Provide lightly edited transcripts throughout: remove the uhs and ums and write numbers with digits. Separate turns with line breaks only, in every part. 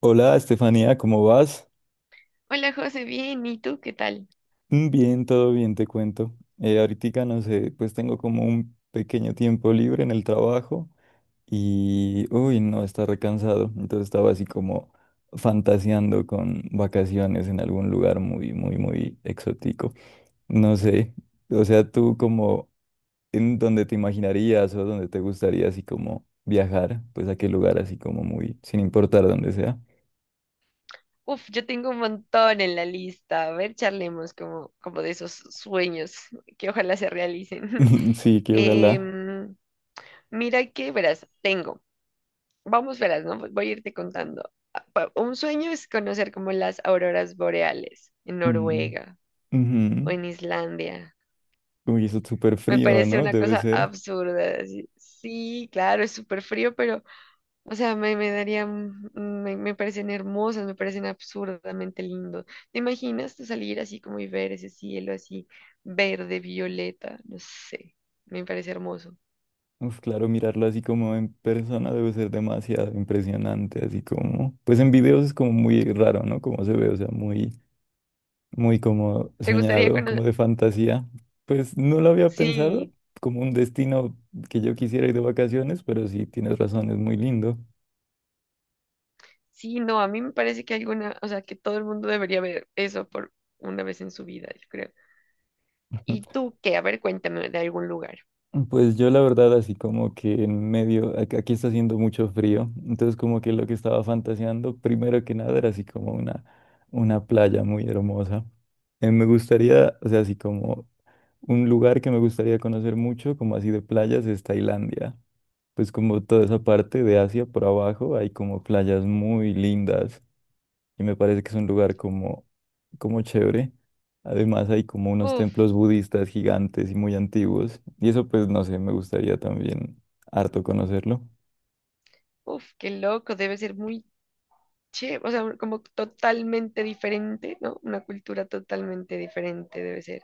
Hola, Estefanía, ¿cómo vas?
Hola José, bien, ¿y tú qué tal?
Mm, bien, todo bien, te cuento. Ahorita, no sé, pues tengo como un pequeño tiempo libre en el trabajo y, uy, no, está recansado. Entonces estaba así como fantaseando con vacaciones en algún lugar muy, muy, muy exótico. No sé, o sea, tú como en donde te imaginarías o donde te gustaría así como viajar, pues a qué lugar así como muy, sin importar dónde sea.
Uf, yo tengo un montón en la lista. A ver, charlemos como de esos sueños que ojalá se realicen.
Sí, que ojalá.
Em, mira que, verás, tengo. Vamos, verás, ¿no? Voy a irte contando. Un sueño es conocer como las auroras boreales en
Mm,
Noruega
ujú.
o en Islandia.
Uy, eso es súper
Me
frío,
parece
¿no?
una
Debe
cosa
ser.
absurda. Así. Sí, claro, es súper frío, pero o sea, me daría, me parecen hermosas, me parecen absurdamente lindos. ¿Te imaginas tú salir así como y ver ese cielo así verde, violeta? No sé, me parece hermoso.
Uf, claro, mirarlo así como en persona debe ser demasiado impresionante, así como, pues en videos es como muy raro, ¿no? Como se ve, o sea, muy, muy como
¿Te gustaría
soñado, como
conocer?
de fantasía. Pues no lo había pensado
Sí,
como un destino que yo quisiera ir de vacaciones, pero sí, tienes razón, es muy lindo.
sí, no, a mí me parece que alguna, o sea, que todo el mundo debería ver eso por una vez en su vida, yo creo. ¿Y tú qué? A ver, cuéntame de algún lugar.
Pues yo la verdad así como que en medio, aquí está haciendo mucho frío, entonces como que lo que estaba fantaseando primero que nada era así como una playa muy hermosa. Me gustaría, o sea, así como un lugar que me gustaría conocer mucho, como así de playas, es Tailandia. Pues como toda esa parte de Asia por abajo hay como playas muy lindas y me parece que es un lugar como, como chévere. Además hay como unos
Uf,
templos budistas gigantes y muy antiguos y eso pues no sé, me gustaría también harto conocerlo.
uf, qué loco, debe ser muy che, o sea, como totalmente diferente, ¿no? Una cultura totalmente diferente debe ser,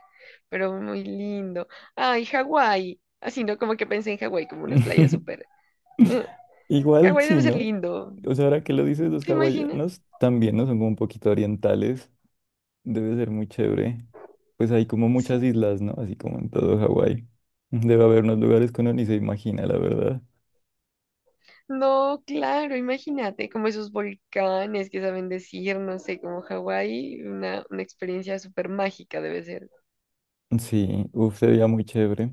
pero muy lindo. Ay, Hawái, así, ¿no? Como que pensé en Hawái como unas playas súper. eh,
Igual
Hawái debe
sí,
ser
¿no?
lindo,
O sea, ahora que lo dices, los
¿te imaginas?
hawaianos también, ¿no? Son como un poquito orientales, debe ser muy chévere. Pues hay como
Sí.
muchas islas, ¿no? Así como en todo Hawái. Debe haber unos lugares que uno ni se imagina, la verdad.
No, claro, imagínate, como esos volcanes que saben decir, no sé, como Hawái, una experiencia súper mágica debe ser.
Sí, uf, sería muy chévere.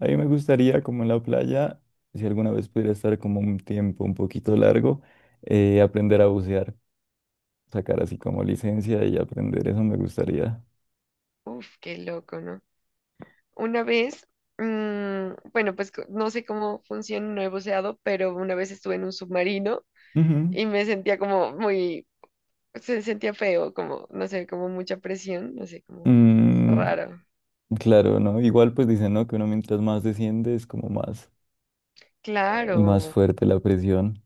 A mí me gustaría, como en la playa, si alguna vez pudiera estar como un tiempo un poquito largo, aprender a bucear, sacar así como licencia y aprender, eso me gustaría.
Uf, qué loco, ¿no? Una vez, bueno, pues no sé cómo funciona, no he buceado, pero una vez estuve en un submarino
Ujú.
y me sentía como muy, se sentía feo, como, no sé, como mucha presión, no sé, como
Mm,
raro.
claro, ¿no? Igual pues dicen, ¿no? Que uno mientras más desciende es como más, más
Claro,
fuerte la presión.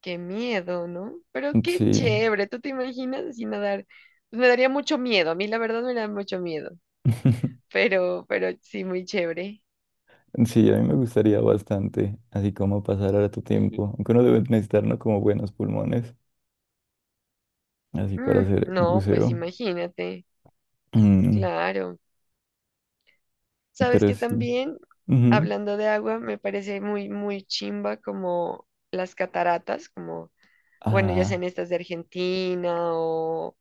qué miedo, ¿no? Pero qué
Sí.
chévere, ¿tú te imaginas así nadar? Pues me daría mucho miedo, a mí la verdad me da mucho miedo, pero sí, muy chévere.
Sí, a mí me gustaría bastante, así como pasar harto
Y- y-
tiempo, aunque uno debe necesitar, ¿no? Como buenos pulmones, así para hacer
no, pues
buceo.
imagínate,
Mm,
claro. Sabes
pero
que
sí.
también,
Ujú.
hablando de agua, me parece muy chimba como las cataratas, como, bueno, ya
Ah,
sean estas de Argentina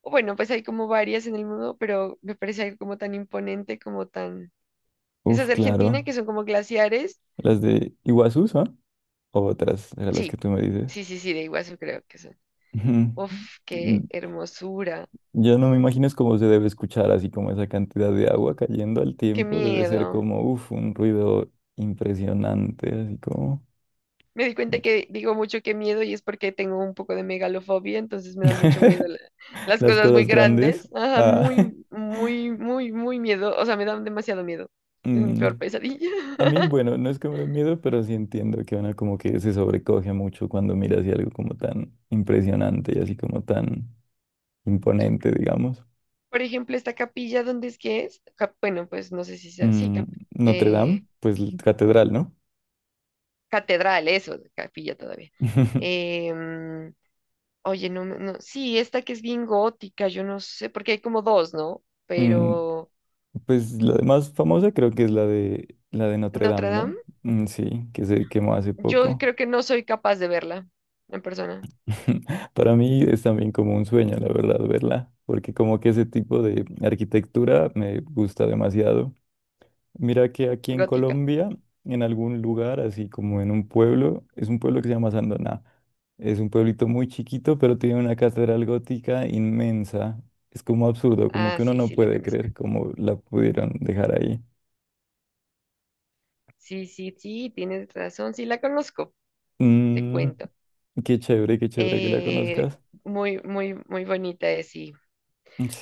o bueno, pues hay como varias en el mundo, pero me parece algo como tan imponente, como tan... Esas
uf,
de Argentina
claro.
que son como glaciares,
Las de Iguazú son o otras, eran las que
sí,
tú me dices.
sí, sí, sí, de Iguazú creo que son.
Ujú.
Uf, qué
Mm,
hermosura,
yo no me imagino es cómo se debe escuchar, así como esa cantidad de agua cayendo al
qué
tiempo. Debe ser
miedo.
como, uf, un ruido impresionante, así como
Me di cuenta que digo mucho que miedo y es porque tengo un poco de megalofobia, entonces me da mucho miedo las
las
cosas muy
cosas grandes.
grandes. Ajá,
Ah,
muy, muy, muy miedo. O sea, me dan demasiado miedo. Es mi
mm,
peor pesadilla.
a mí, bueno, no es que me dé miedo, pero sí entiendo que uno como que se sobrecoge mucho cuando mira así algo como tan impresionante y así como tan imponente, digamos.
Por ejemplo, esta capilla, ¿dónde es que es? Bueno, pues no sé si sea, sí,
Mm, Notre Dame,
eh,
pues catedral, ¿no?
catedral, eso, capilla todavía. Eh, mm, oye, no, no, sí, esta que es bien gótica, yo no sé, porque hay como dos, ¿no?
Mm,
Pero
pues la más famosa creo que es la de Notre Dame,
Notre
¿no?
Dame.
Mm, sí, que se quemó hace
Yo
poco.
creo que no soy capaz de verla en persona.
Para mí es también como un sueño, la verdad, verla, porque como que ese tipo de arquitectura me gusta demasiado. Mira que aquí en
Gótica.
Colombia, en algún lugar, así como en un pueblo, es un pueblo que se llama Sandoná. Es un pueblito muy chiquito, pero tiene una catedral gótica inmensa. Es como absurdo, como
Ah,
que uno
sí,
no
sí, la
puede
conozco.
creer cómo la pudieron dejar ahí.
Sí, sí, sí, tienes razón, sí, la conozco, te
Mm,
cuento.
qué chévere que la
Eh,
conozcas.
muy, muy bonita es, sí.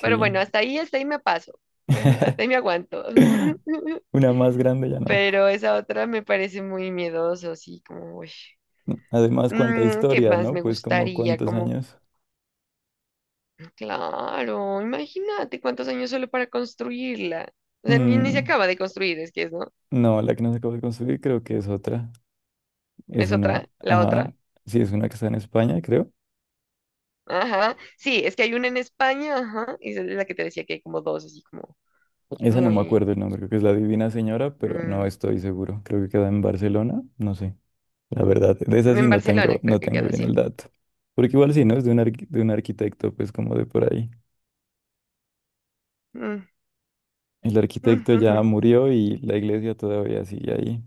Pero bueno, hasta ahí me paso. Hasta ahí me aguanto.
Una más grande ya no.
Pero esa otra me parece muy miedoso, sí, como, uy.
Además, cuánta
Mm, ¿qué
historia,
más
¿no?
me
Pues como
gustaría?
cuántos
Como,
años.
claro, imagínate cuántos años solo para construirla. O sea, ni se
Mm,
acaba de construir, es que es, ¿no?
no, la que nos acabo de construir creo que es otra. Es
¿Es
una,
otra? ¿La
ajá,
otra?
sí, es una que está en España, creo.
Ajá. Sí, es que hay una en España, ajá. Y esa es la que te decía que hay como dos, así como
Esa no me
muy...
acuerdo el nombre, creo que es La Divina Señora, pero no
Mm,
estoy seguro. Creo que queda en Barcelona, no sé. La verdad, de esa sí
en
no
Barcelona
tengo,
creo
no
que
tengo
queda
bien
así.
el dato. Porque igual sí, ¿no? Es de un, de un arquitecto, pues como de por ahí.
Mm,
El arquitecto ya
ujujú,
murió y la iglesia todavía sigue ahí.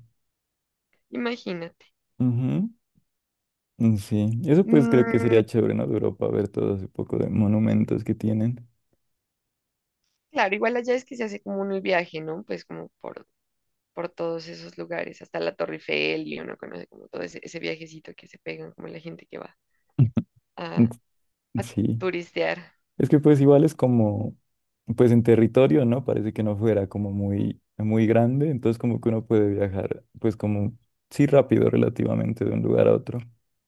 imagínate.
Ujú, mm, sí, eso pues creo que
Mm,
sería chévere, ¿no? De Europa, ver todo ese poco de monumentos que tienen.
claro, igual allá es que se hace como un viaje, ¿no? Pues como por todos esos lugares, hasta la Torre Eiffel y uno conoce como todo ese viajecito que se pegan, como la gente que va a, a
Sí.
turistear.
Es que pues igual es como, pues en territorio, ¿no? Parece que no fuera como muy, muy grande, entonces como que uno puede viajar, pues como, sí, rápido relativamente de un lugar a otro.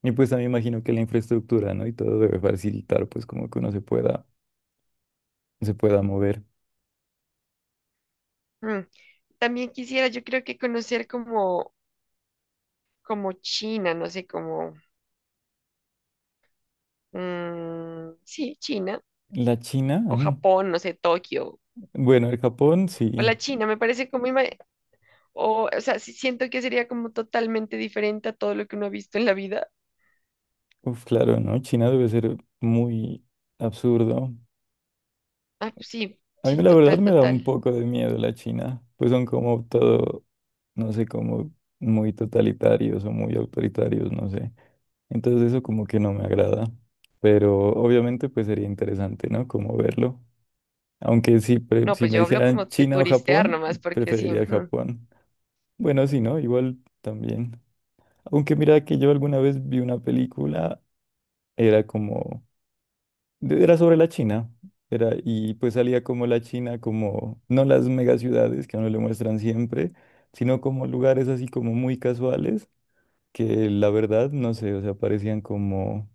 Y pues también imagino que la infraestructura, ¿no? Y todo debe facilitar, pues como que uno se pueda mover.
Mm. También quisiera, yo creo que conocer como, como China, no sé, como... Mm, sí, China
La China,
o
mm,
Japón, no sé, Tokio
bueno, el Japón,
o
sí,
la China, me parece como, o sea, sí siento que sería como totalmente diferente a todo lo que uno ha visto en la vida.
uf, claro, ¿no? China debe ser muy absurdo.
Ah, pues sí,
A mí
sí,
la verdad
total,
me da un
total.
poco de miedo la China, pues son como todo, no sé, como muy totalitarios o muy autoritarios, no sé. Entonces eso como que no me agrada, pero obviamente pues sería interesante, ¿no? Como verlo. Aunque si,
No,
si
pues
me
yo hablo como
dijeran
de
China o
turistear
Japón,
nomás, porque sí,
preferiría
ujú,
Japón. Bueno, si no, igual también. Aunque mira que yo alguna vez vi una película, era como era sobre la China. Era, y pues salía como la China, como no las megaciudades que a uno le muestran siempre, sino como lugares así como muy casuales que la verdad, no sé, o sea, parecían como,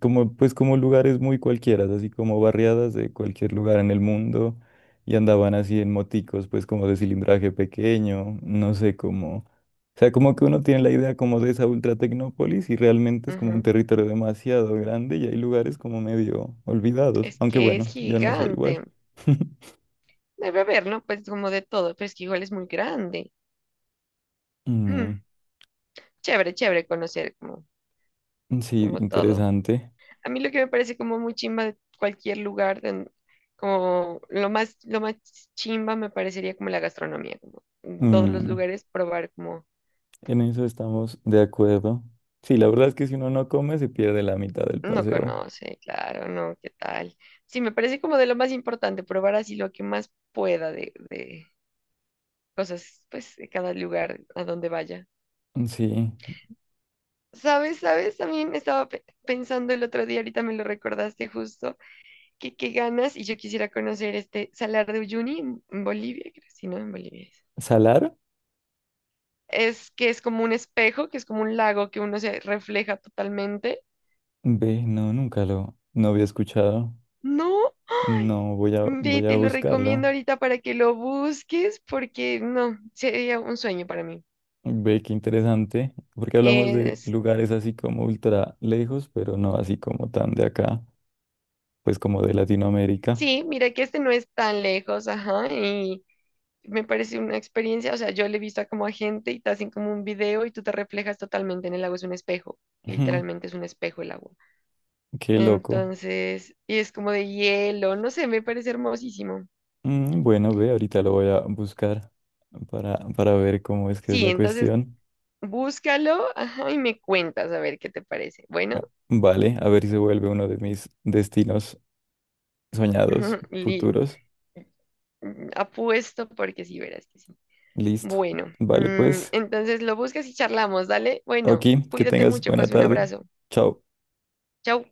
como, pues como lugares muy cualquiera, así como barriadas de cualquier lugar en el mundo, y andaban así en moticos, pues como de cilindraje pequeño, no sé, como, o sea, como que uno tiene la idea como de esa ultra tecnópolis y realmente es como un
ujú.
territorio demasiado grande y hay lugares como medio olvidados,
Es
aunque
que es
bueno, yo no sé, igual.
gigante. Debe haber, ¿no? Pues como de todo, pero es que igual es muy grande. Mm,
Mm,
chévere, chévere conocer como,
sí,
como todo.
interesante.
A mí lo que me parece como muy chimba de cualquier lugar, como lo más chimba me parecería como la gastronomía, como en todos los
Mm,
lugares probar como
en eso estamos de acuerdo. Sí, la verdad es que si uno no come, se pierde la mitad del
no
paseo.
conoce, claro, no, qué tal. Sí, me parece como de lo más importante, probar así lo que más pueda de cosas, pues, de cada lugar a donde vaya.
Sí.
¿Sabes? ¿Sabes? También estaba pensando el otro día, ahorita me lo recordaste justo, que qué ganas y yo quisiera conocer este Salar de Uyuni en Bolivia, creo, sí, ¿no? En Bolivia.
¿Salar?
Es que es como un espejo, que es como un lago que uno se refleja totalmente.
Ve, no, nunca lo, no había escuchado.
No,
No, voy a,
ve,
voy a
te lo
buscarlo.
recomiendo ahorita para que lo busques porque no, sería un sueño para mí.
Ve, qué interesante. Porque hablamos de
Es,
lugares así como ultra lejos, pero no así como tan de acá, pues como de Latinoamérica.
sí, mira que este no es tan lejos, ajá, y me parece una experiencia, o sea, yo le he visto a como a gente y te hacen como un video y tú te reflejas totalmente en el lago, es un espejo,
Ujú,
literalmente es un espejo el agua.
qué loco.
Entonces, y es como de hielo, no sé, me parece hermosísimo.
Mm, bueno, ve, ahorita lo voy a buscar para ver cómo es que es
Sí,
la
entonces
cuestión.
búscalo, ajá, y me cuentas a ver qué te parece. Bueno,
Vale, a ver si se vuelve uno de mis destinos soñados,
li-
futuros.
mm, apuesto porque sí, verás que sí.
Listo.
Bueno,
Vale,
mm,
pues,
entonces lo buscas y charlamos, dale. Bueno,
oki, que
cuídate
tengas
mucho,
buena
José, un
tarde.
abrazo.
Chao.
Chau.